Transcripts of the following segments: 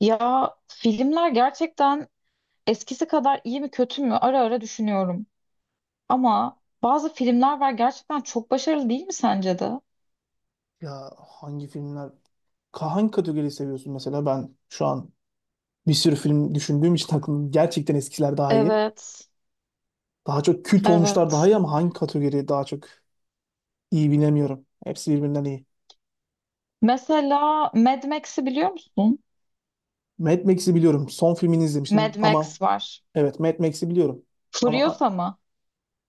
Ya filmler gerçekten eskisi kadar iyi mi kötü mü ara ara düşünüyorum. Ama bazı filmler var gerçekten çok başarılı değil mi sence de? Ya hangi filmler? Hangi kategoriyi seviyorsun mesela? Ben şu an bir sürü film düşündüğüm için aklım gerçekten eskiler daha iyi. Evet, Daha çok kült olmuşlar daha evet. iyi ama hangi kategori daha çok iyi bilemiyorum. Hepsi birbirinden iyi. Mesela Mad Max'i biliyor musun? Mad Max'i biliyorum. Son filmini izlemiştim Mad ama Max var. evet Mad Max'i biliyorum. Ama Furiosa mı?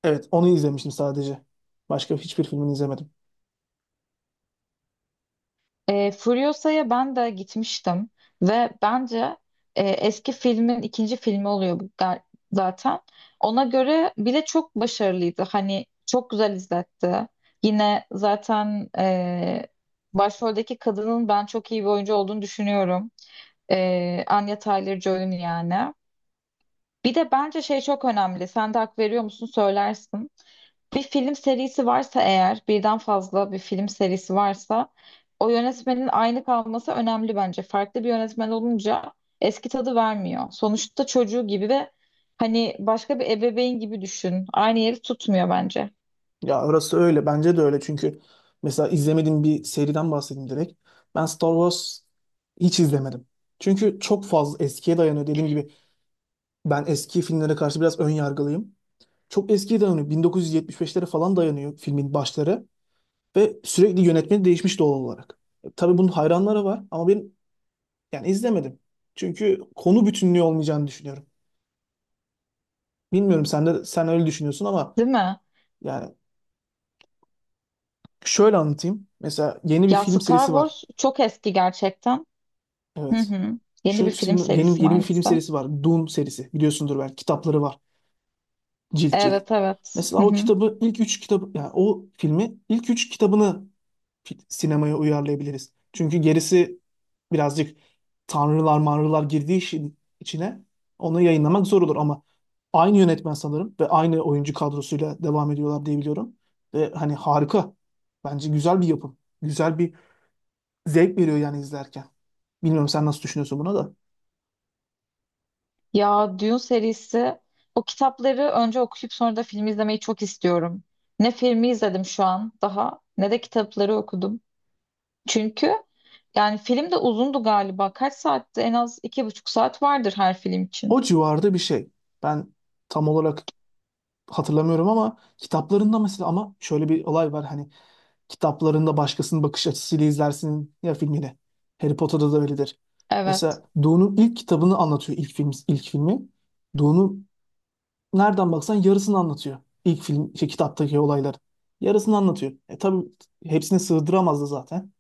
evet, onu izlemiştim sadece. Başka hiçbir filmini izlemedim. Furiosa'ya ben de gitmiştim ve bence eski filmin ikinci filmi oluyor bu zaten. Ona göre bile çok başarılıydı. Hani çok güzel izletti. Yine zaten başroldeki kadının ben çok iyi bir oyuncu olduğunu düşünüyorum. Anya Taylor-Joy'un yani. Bir de bence şey çok önemli. Sen de hak veriyor musun söylersin. Bir film serisi varsa eğer, birden fazla bir film serisi varsa o yönetmenin aynı kalması önemli bence. Farklı bir yönetmen olunca eski tadı vermiyor. Sonuçta çocuğu gibi ve hani başka bir ebeveyn gibi düşün. Aynı yeri tutmuyor bence. Ya orası öyle. Bence de öyle. Çünkü mesela izlemediğim bir seriden bahsedeyim direkt. Ben Star Wars hiç izlemedim. Çünkü çok fazla eskiye dayanıyor. Dediğim gibi ben eski filmlere karşı biraz ön yargılıyım. Çok eskiye dayanıyor. 1975'lere falan dayanıyor filmin başları. Ve sürekli yönetmeni değişmiş doğal olarak. Tabii bunun hayranları var ama ben yani izlemedim. Çünkü konu bütünlüğü olmayacağını düşünüyorum. Bilmiyorum sen öyle düşünüyorsun ama Değil mi? yani şöyle anlatayım. Mesela yeni bir Ya film Star serisi var. Wars çok eski gerçekten. Hı Evet. hı. Yeni bir film Yeni serisi mi yeni bir film hangisi? serisi var. Dune serisi. Biliyorsundur belki. Kitapları var. Cilt cilt. Evet evet. Mesela Hı o hı. kitabı ilk üç kitabı yani o filmi ilk üç kitabını sinemaya uyarlayabiliriz. Çünkü gerisi birazcık tanrılar manrılar girdiği işin içine onu yayınlamak zor olur ama aynı yönetmen sanırım ve aynı oyuncu kadrosuyla devam ediyorlar diye biliyorum. Ve hani harika. Bence güzel bir yapım. Güzel bir zevk veriyor yani izlerken. Bilmiyorum sen nasıl düşünüyorsun buna da. Ya Dune serisi o kitapları önce okuyup sonra da film izlemeyi çok istiyorum. Ne filmi izledim şu an daha ne de kitapları okudum. Çünkü yani film de uzundu galiba. Kaç saatti? En az 2,5 saat vardır her film için. O civarda bir şey. Ben tam olarak hatırlamıyorum ama kitaplarında mesela ama şöyle bir olay var hani kitaplarında başkasının bakış açısıyla izlersin ya filmini. Harry Potter'da da öyledir. Evet, Mesela Dune'un ilk kitabını anlatıyor ilk film ilk filmi. Dune'un nereden baksan yarısını anlatıyor. İlk film şey, kitaptaki olayların. Yarısını anlatıyor. E tabii hepsini sığdıramazdı zaten.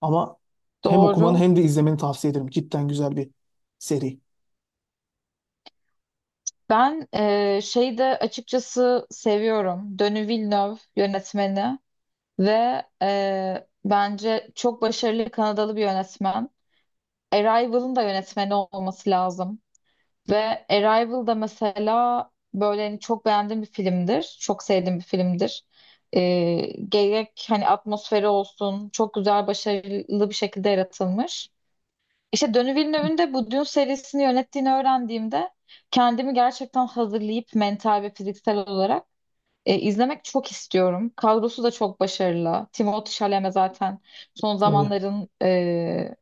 Ama hem okumanı doğru. hem de izlemeni tavsiye ederim. Cidden güzel bir seri. Ben şeyi de açıkçası seviyorum. Denis Villeneuve yönetmeni ve bence çok başarılı Kanadalı bir yönetmen. Arrival'ın da yönetmeni olması lazım. Ve Arrival da mesela böyle hani çok beğendiğim bir filmdir. Çok sevdiğim bir filmdir. Ee, Gerek hani atmosferi olsun çok güzel başarılı bir şekilde yaratılmış. İşte Denis Villeneuve'ün de bu Dune serisini yönettiğini öğrendiğimde kendimi gerçekten hazırlayıp mental ve fiziksel olarak izlemek çok istiyorum. Kadrosu da çok başarılı. Timothée Chalamet zaten son Tabii. zamanların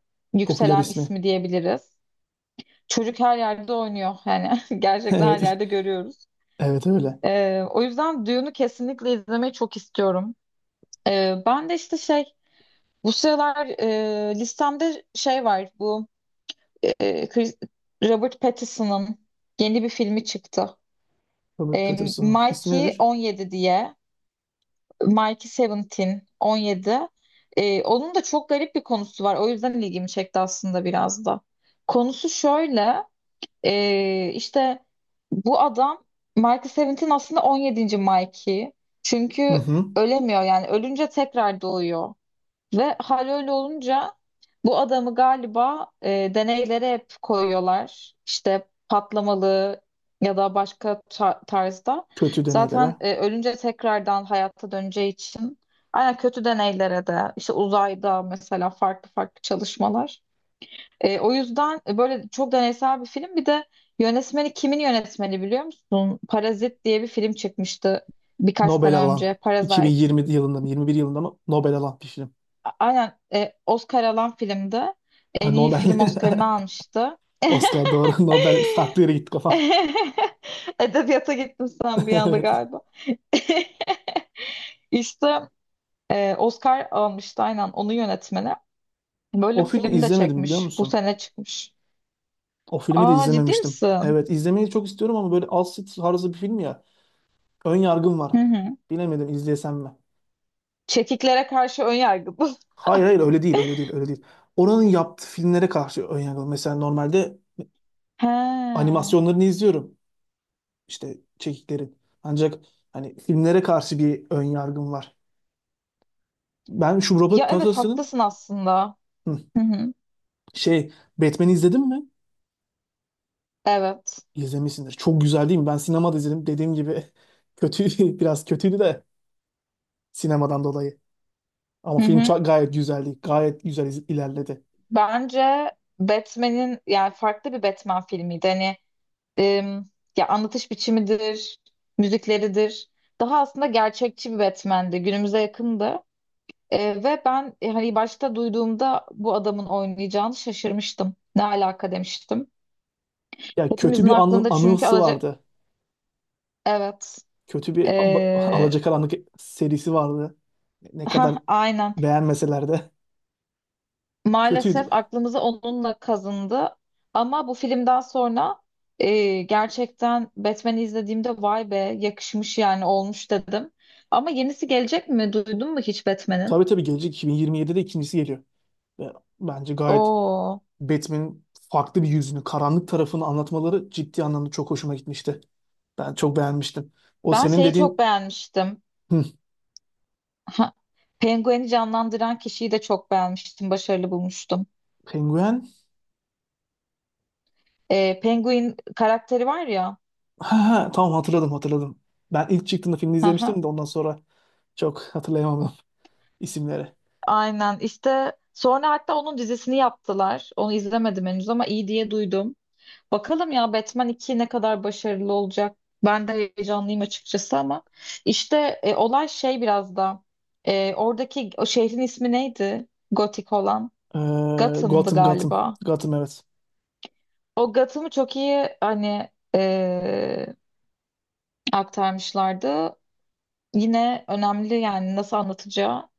Popüler yükselen ismi. ismi diyebiliriz. Çocuk her yerde oynuyor yani gerçekten her Evet. yerde görüyoruz. Evet öyle. O yüzden Dune'u kesinlikle izlemeyi çok istiyorum. Ben de işte şey bu sıralar listemde şey var bu e, Chris- Robert Pattinson'ın yeni bir filmi çıktı. Robert Pattinson'un ismi Mikey nedir? 17 diye Mikey 17. Onun da çok garip bir konusu var. O yüzden ilgimi çekti aslında biraz da. Konusu şöyle. İşte bu adam Michael Seventeen aslında 17. Mikey. Hı Çünkü hı. ölemiyor yani ölünce tekrar doğuyor. Ve hal öyle olunca bu adamı galiba deneylere hep koyuyorlar. İşte patlamalı ya da başka tarzda. Kötü deneylere. Zaten ölünce tekrardan hayata döneceği için aynen kötü deneylere de işte uzayda mesela farklı farklı çalışmalar. O yüzden böyle çok deneysel bir film. Bir de yönetmeni kimin yönetmeni biliyor musun? Parazit diye bir film çıkmıştı birkaç Nobel sene alan önce. Parasite. 2020 yılında mı 21 yılında mı Nobel alan bir film. Aynen Oscar alan filmdi. Ha, En iyi Nobel. film Oscar'ını almıştı. Oscar doğru. Nobel farklı yere gitti kafam. Edebiyata gittin sen bir anda Evet. galiba. İşte Oscar almıştı aynen onun yönetmeni. Böyle O bir filmi film de izlemedim biliyor çekmiş. Bu musun? sene çıkmış. O filmi de Aa ciddi izlememiştim. misin? Evet izlemeyi çok istiyorum ama böyle Alsit tarzı bir film ya. Ön yargım Hı var. hı. Bilemedim izlesem mi? Çekiklere karşı ön yargı bu. Hayır, öyle değil. Oranın yaptığı filmlere karşı ön yargım. Mesela normalde He. animasyonlarını izliyorum. İşte çekiklerin. Ancak hani filmlere karşı bir ön yargım var. Ben şu Ya Robert evet Pattinson'ın haklısın aslında. hı. Hı hı. Şey, Batman'i izledin mi? Evet. İzlemişsindir. Çok güzel değil mi? Ben sinemada izledim. Dediğim gibi kötü, biraz kötüydü de sinemadan dolayı. Ama Hı film hı. Gayet güzeldi. Gayet güzel ilerledi. Bence Batman'in yani farklı bir Batman filmiydi. Hani em, ya anlatış biçimidir, müzikleridir. Daha aslında gerçekçi bir Batman'di. Günümüze yakındı. Ve ben hani başta duyduğumda bu adamın oynayacağını şaşırmıştım. Ne alaka demiştim. Ya kötü Hepimizin bir aklında çünkü anısı vardı. evet. E, Alacakaranlık serisi vardı. Ne kadar aynen. beğenmeseler de kötüydü. Maalesef aklımızı onunla kazındı. Ama bu filmden sonra gerçekten Batman'i izlediğimde vay be yakışmış yani olmuş dedim. Ama yenisi gelecek mi? Duydun mu hiç Batman'in? Tabii, gelecek 2027'de ikincisi geliyor. Ve bence gayet Oo, Batman'in farklı bir yüzünü, karanlık tarafını anlatmaları ciddi anlamda çok hoşuma gitmişti. Ben çok beğenmiştim. O ben senin şeyi çok dediğin beğenmiştim. hı, Ha, Penguin'i canlandıran kişiyi de çok beğenmiştim. Başarılı bulmuştum. penguen. Penguin karakteri var ya. Ha, tamam hatırladım. Ben ilk çıktığında filmi Hı hı. izlemiştim de ondan sonra çok hatırlayamadım isimleri. Aynen işte sonra hatta onun dizisini yaptılar. Onu izlemedim henüz ama iyi diye duydum. Bakalım ya Batman 2 ne kadar başarılı olacak. Ben de heyecanlıyım açıkçası ama işte olay şey biraz da oradaki o şehrin ismi neydi? Gotik olan. Ee, Gotham'dı Gotham. galiba. Gotham evet. O Gotham'ı çok iyi hani e, aktarmışlardı. Yine önemli yani nasıl anlatacağı.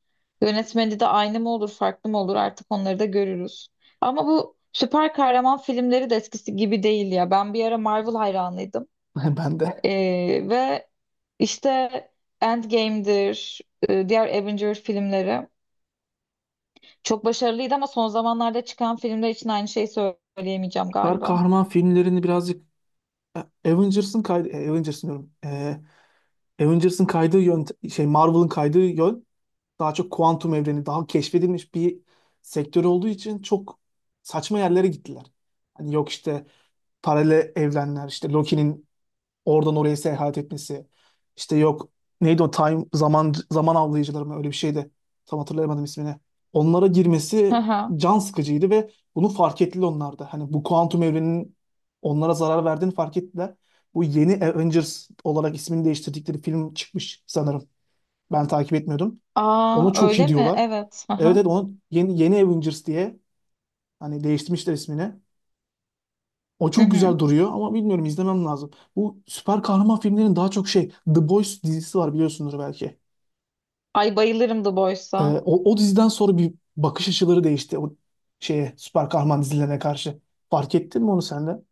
Yönetmeni de aynı mı olur farklı mı olur artık onları da görürüz. Ama bu süper kahraman filmleri de eskisi gibi değil ya. Ben bir ara Marvel hayranıydım. Ben de. Ve işte Endgame'dir, diğer Avenger filmleri çok başarılıydı ama son zamanlarda çıkan filmler için aynı şeyi söyleyemeyeceğim Süper galiba. kahraman filmlerini birazcık e, Avengers'ın diyorum. Avengers'ın kaydığı yön şey Marvel'ın kaydığı yön daha çok kuantum evreni, daha keşfedilmiş bir sektör olduğu için çok saçma yerlere gittiler. Hani yok işte paralel evrenler, işte Loki'nin oradan oraya seyahat etmesi, işte yok neydi o time zaman zaman avlayıcıları mı öyle bir şeydi. Tam hatırlayamadım ismini. Onlara Hı girmesi hı. can sıkıcıydı ve bunu fark ettiler onlar da. Hani bu kuantum evrenin onlara zarar verdiğini fark ettiler. Bu yeni Avengers olarak ismini değiştirdikleri film çıkmış sanırım. Ben takip etmiyordum. Aa Ona çok öyle iyi mi? diyorlar. Evet. Hı Evet hı. evet onu yeni Avengers diye hani değiştirmişler ismini. O Hı çok hı. güzel duruyor ama bilmiyorum izlemem lazım. Bu süper kahraman filmlerin daha çok şey The Boys dizisi var biliyorsunuz belki. Ay bayılırım The Boys'a. O diziden sonra bir bakış açıları değişti o şeye süper kahraman dizilerine karşı. Fark ettin mi onu sen de?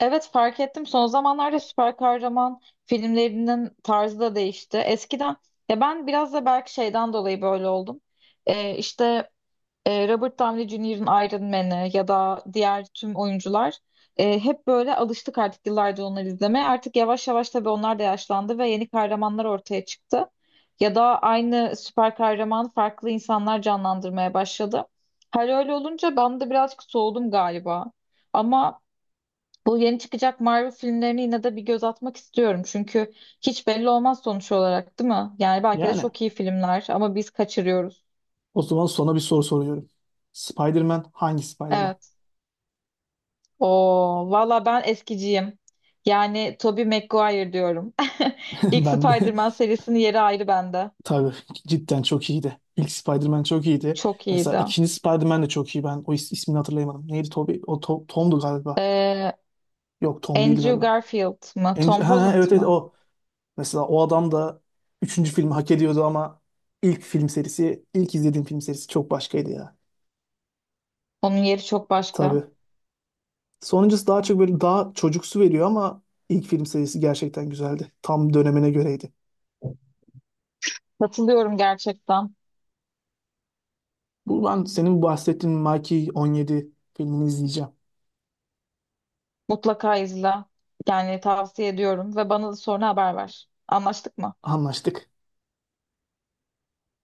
Evet fark ettim. Son zamanlarda süper kahraman filmlerinin tarzı da değişti. Eskiden ya ben biraz da belki şeyden dolayı böyle oldum. İşte Robert Downey Jr.'ın Iron Man'i ya da diğer tüm oyuncular hep böyle alıştık artık yıllardır onları izlemeye. Artık yavaş yavaş tabii onlar da yaşlandı ve yeni kahramanlar ortaya çıktı. Ya da aynı süper kahraman farklı insanlar canlandırmaya başladı. Her öyle olunca ben de birazcık soğudum galiba. Ama bu yeni çıkacak Marvel filmlerine yine de bir göz atmak istiyorum. Çünkü hiç belli olmaz sonuç olarak, değil mi? Yani belki de Yani çok iyi filmler ama biz kaçırıyoruz. o zaman sana bir soru soruyorum. Spider-Man hangi Spider-Man? Evet. Oo, valla ben eskiciyim. Yani Tobey Maguire diyorum. İlk Ben de Spider-Man serisinin yeri ayrı bende. tabii cidden çok iyiydi. İlk Spider-Man çok iyiydi. Çok Mesela iyiydi. ikinci Spider-Man de çok iyi. Ben o ismini hatırlayamadım. Neydi Toby? O Tom'du galiba. Ee, Yok Tom değil Andrew galiba. Garfield mı? Tom Holland Evet evet mı? o. Mesela o adam da üçüncü filmi hak ediyordu ama ilk film serisi, ilk izlediğim film serisi çok başkaydı ya. Onun yeri çok başka. Tabii. Sonuncusu daha çok böyle daha çocuksu veriyor ama ilk film serisi gerçekten güzeldi. Tam dönemine göreydi. Katılıyorum gerçekten. Bu ben senin bahsettiğin Mikey 17 filmini izleyeceğim. Mutlaka izle. Yani tavsiye ediyorum ve bana da sonra haber ver. Anlaştık mı? Anlaştık.